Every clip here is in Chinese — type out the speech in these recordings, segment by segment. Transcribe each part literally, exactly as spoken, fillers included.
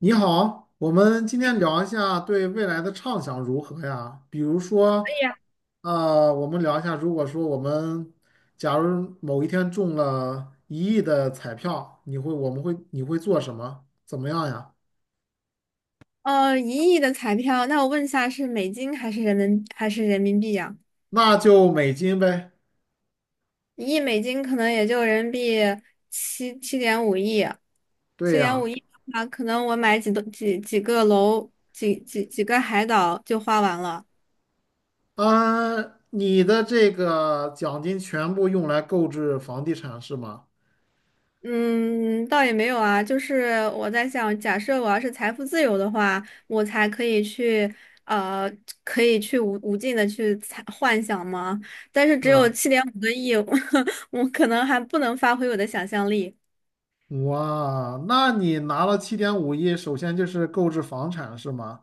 你好，我们今也可天聊一下对未来的畅想如何呀？比如说，以啊。呃，我们聊一下，如果说我们假如某一天中了一亿的彩票，你会，我们会，你会做什么？怎么样呀？呃，一亿的彩票。那我问一下，是美金还是人民还是人民币呀？那就美金呗。一亿美金可能也就人民币七七点五亿，对七点五呀。亿的话，可能我买几栋几几个楼，几几几个海岛就花完了。嗯，你的这个奖金全部用来购置房地产是吗？嗯。倒也没有啊，就是我在想，假设我要是财富自由的话，我才可以去，呃，可以去无无尽的去猜幻想吗？但是是只有啊。七点五个亿，我可能还不能发挥我的想象力。哇，那你拿了七点五亿，首先就是购置房产是吗？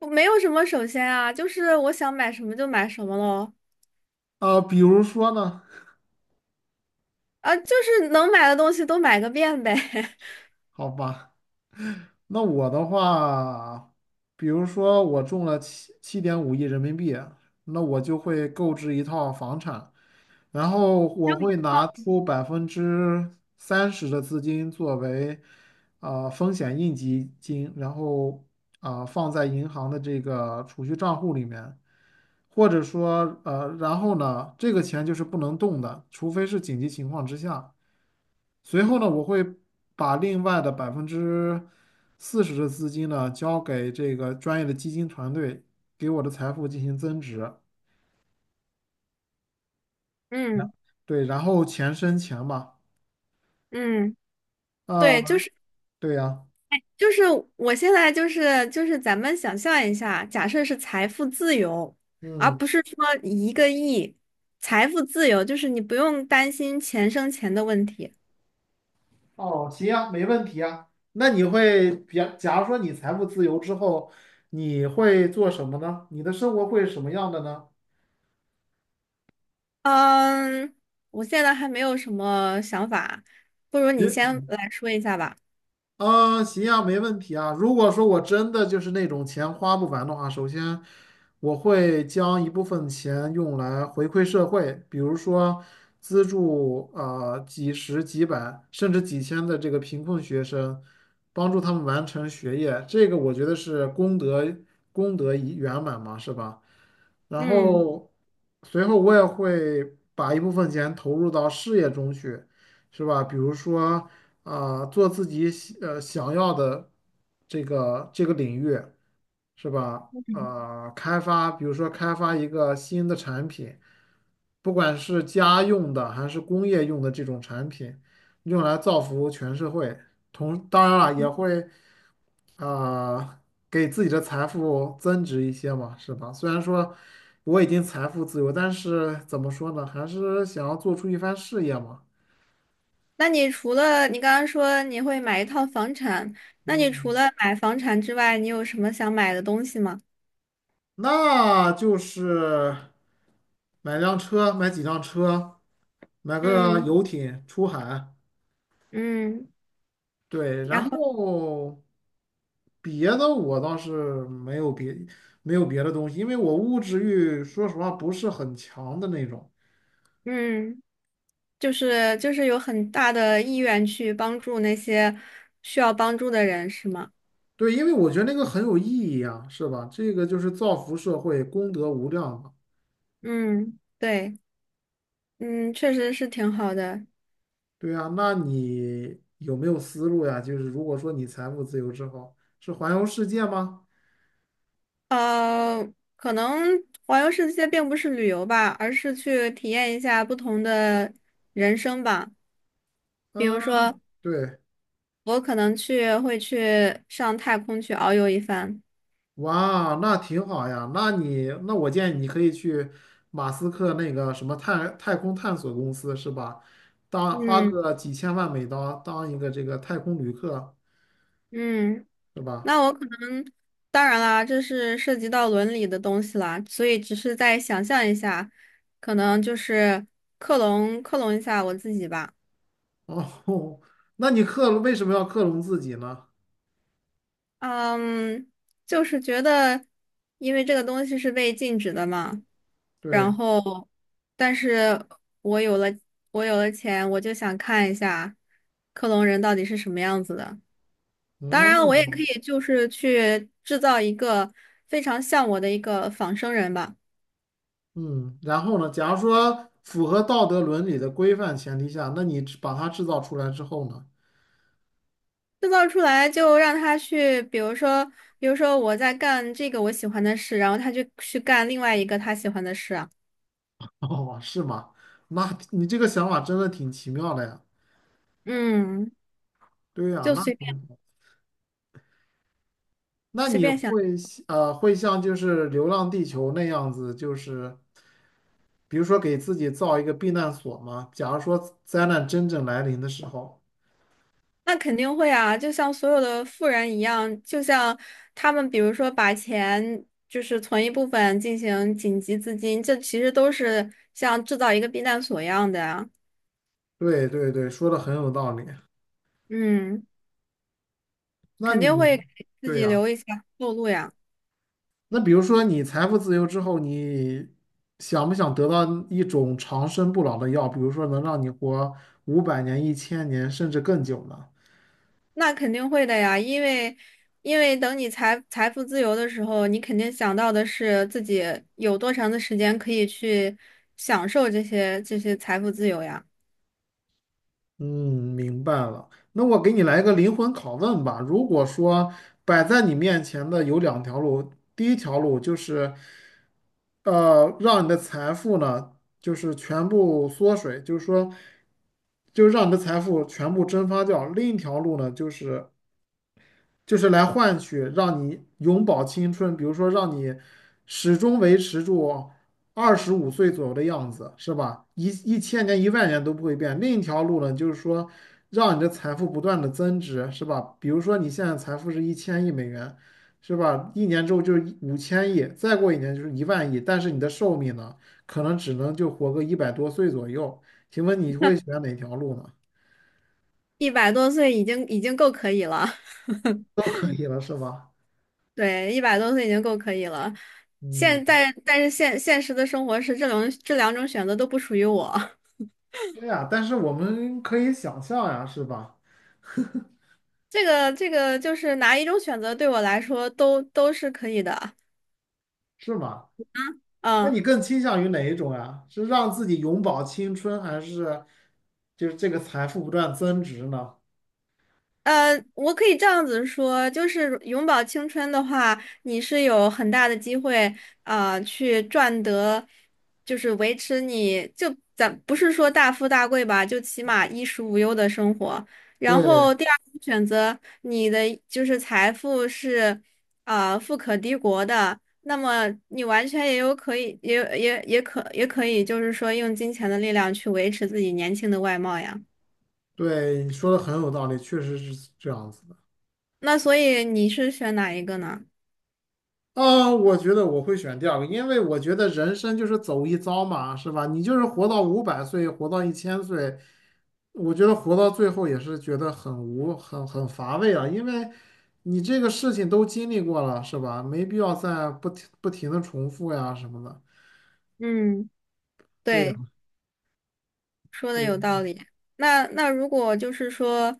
我没有什么首先啊，就是我想买什么就买什么喽。啊、比如说呢？啊，就是能买的东西都买个遍呗。好吧，那我的话，比如说我中了七七点五亿人民币，那我就会购置一套房产，然后我会拿出百分之三十的资金作为啊、风险应急金，然后啊、放在银行的这个储蓄账户里面，或者说呃，然后呢，这个钱就是不能动的，除非是紧急情况之下。随后呢，我会把另外的百分之四十的资金呢，交给这个专业的基金团队，给我的财富进行增值。那嗯对，然后钱生钱嘛。嗯，啊，对，就是。对呀。就是我现在就是就是咱们想象一下，假设是财富自由，而嗯。不是说一个亿，财富自由就是你不用担心钱生钱的问题。哦，行啊，没问题啊。那你会，比，假如说你财富自由之后，你会做什么呢？你的生活会是什么样的呢？嗯。我现在还没有什么想法，不如你先来说一下吧。啊，行啊，没问题啊。如果说我真的就是那种钱花不完的话，首先我会将一部分钱用来回馈社会，比如说资助呃几十、几百甚至几千的这个贫困学生，帮助他们完成学业，这个我觉得是功德功德已圆满嘛，是吧？然嗯。后随后我也会把一部分钱投入到事业中去，是吧？比如说。啊，做自己喜呃想要的这个这个领域，是吧？啊，开发，比如说开发一个新的产品，不管是家用的还是工业用的这种产品，用来造福全社会。同，当然了，也会啊，给自己的财富增值一些嘛，是吧？虽然说我已经财富自由，但是怎么说呢，还是想要做出一番事业嘛。那你除了你刚刚说你会买一套房产，那你除嗯。了买房产之外，你有什么想买的东西吗？那就是买辆车，买几辆车，买个嗯游艇出海。嗯，对，然然后后别的我倒是没有别没有别的东西，因为我物质欲说实话不是很强的那种。嗯。就是就是有很大的意愿去帮助那些需要帮助的人，是吗？对，因为我觉得那个很有意义啊，是吧？这个就是造福社会，功德无量嘛。嗯，对，嗯，确实是挺好的。对啊，那你有没有思路呀？就是如果说你财务自由之后，是环游世界吗？呃，可能环游世界并不是旅游吧，而是去体验一下不同的人生吧。比嗯，如说，对。我可能去会去上太空去遨游一番。哇，那挺好呀。那你，那我建议你可以去马斯克那个什么太太空探索公司，是吧？当花嗯个几千万美刀当一个这个太空旅客，嗯。是吧？那我可能，当然啦，这是涉及到伦理的东西啦，所以只是在想象一下，可能就是克隆克隆一下我自己吧。哦，那你克隆为什么要克隆自己呢？嗯，就是觉得，因为这个东西是被禁止的嘛，对，然后，但是我有了我有了钱，我就想看一下克隆人到底是什么样子的。当然，我也可哦，以就是去制造一个非常像我的一个仿生人吧。嗯，然后呢？假如说符合道德伦理的规范前提下，那你制把它制造出来之后呢？制造出来就让他去，比如说，比如说我在干这个我喜欢的事，然后他就去干另外一个他喜欢的事啊。哦，是吗？那你这个想法真的挺奇妙的呀。嗯，对呀，就那。随便那随你便想。会呃会像就是《流浪地球》那样子，就是比如说给自己造一个避难所吗？假如说灾难真正来临的时候，那肯定会啊，就像所有的富人一样，就像他们，比如说把钱就是存一部分进行紧急资金，这其实都是像制造一个避难所一样的啊。对对对，说的很有道理。嗯，那肯定你会给自对己呀、留一些后路呀。那比如说你财富自由之后，你想不想得到一种长生不老的药？比如说能让你活五百年、一千年，甚至更久呢？那肯定会的呀，因为因为等你财财富自由的时候，你肯定想到的是自己有多长的时间可以去享受这些这些财富自由呀。嗯，明白了。那我给你来一个灵魂拷问吧。如果说摆在你面前的有两条路，第一条路就是，呃，让你的财富呢，就是全部缩水，就是说，就让你的财富全部蒸发掉；另一条路呢，就是就是来换取让你永葆青春，比如说让你始终维持住二十五岁左右的样子，是吧？一一千年、一万年都不会变。另一条路呢，就是说让你的财富不断的增值，是吧？比如说你现在财富是一千亿美元，是吧？一年之后就是五千亿，再过一年就是一万亿，但是你的寿命呢，可能只能就活个一百多岁左右。请问你会选哪条路呢？一百多岁已经已经够可以了。都可以了，是吧？对，一百多岁已经够可以了。现嗯。在但是现现实的生活是这种这两种选择都不属于我。对呀，但是我们可以想象呀，是吧？这个这个就是哪一种选择对我来说都都是可以的。是吗？那嗯。你更倾向于哪一种呀？是让自己永葆青春，还是就是这个财富不断增值呢？呃，我可以这样子说，就是永葆青春的话，你是有很大的机会，啊，去赚得，就是维持你就咱不是说大富大贵吧，就起码衣食无忧的生活。然对后第二种选择，你的就是财富是，啊，富可敌国的，那么你完全也有可以，也也也可也可以，就是说用金钱的力量去维持自己年轻的外貌呀。对，你说的很有道理，确实是这样子的。那所以你是选哪一个呢？啊，我觉得我会选第二个，因为我觉得人生就是走一遭嘛，是吧？你就是活到五百岁，活到一千岁，我觉得活到最后也是觉得很无、很很乏味啊，因为你这个事情都经历过了，是吧？没必要再不停不停的重复呀什么的。嗯，对呀，对，说的有所道理。那那如果就是说，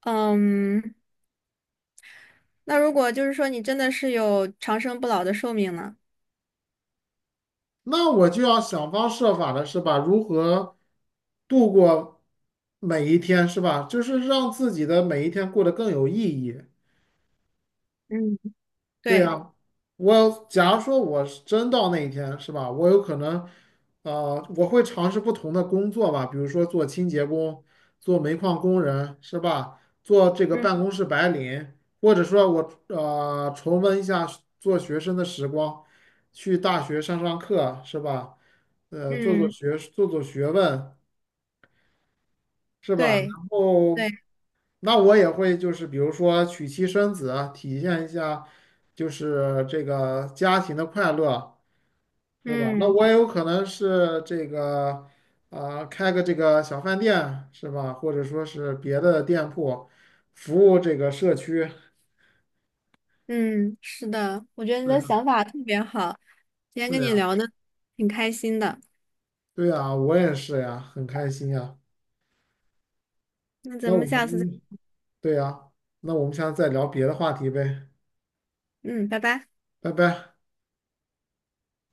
嗯，那如果就是说你真的是有长生不老的寿命呢？那我就要想方设法的是吧？如何度过每一天，是吧？就是让自己的每一天过得更有意义。嗯，对对，呀，我假如说我是真到那一天，是吧？我有可能，呃，我会尝试不同的工作吧，比如说做清洁工、做煤矿工人，是吧？做这个嗯办公室白领，或者说我呃重温一下做学生的时光，去大学上上课，是吧？呃，做做嗯，学做做学问，是吧？对然对，后。那我也会就是比如说娶妻生子啊，体现一下就是这个家庭的快乐，是吧？那嗯我也有可能是这个啊、开个这个小饭店，是吧？或者说是别的店铺，服务这个社区。嗯，是的，我觉得你是的呀，想法特别好，今天跟是你呀，聊的挺开心的。对呀，我也是呀，很开心呀。那咱那我们们下次再，今，对呀，那我们下次再聊别的话题呗，嗯，拜拜。拜拜。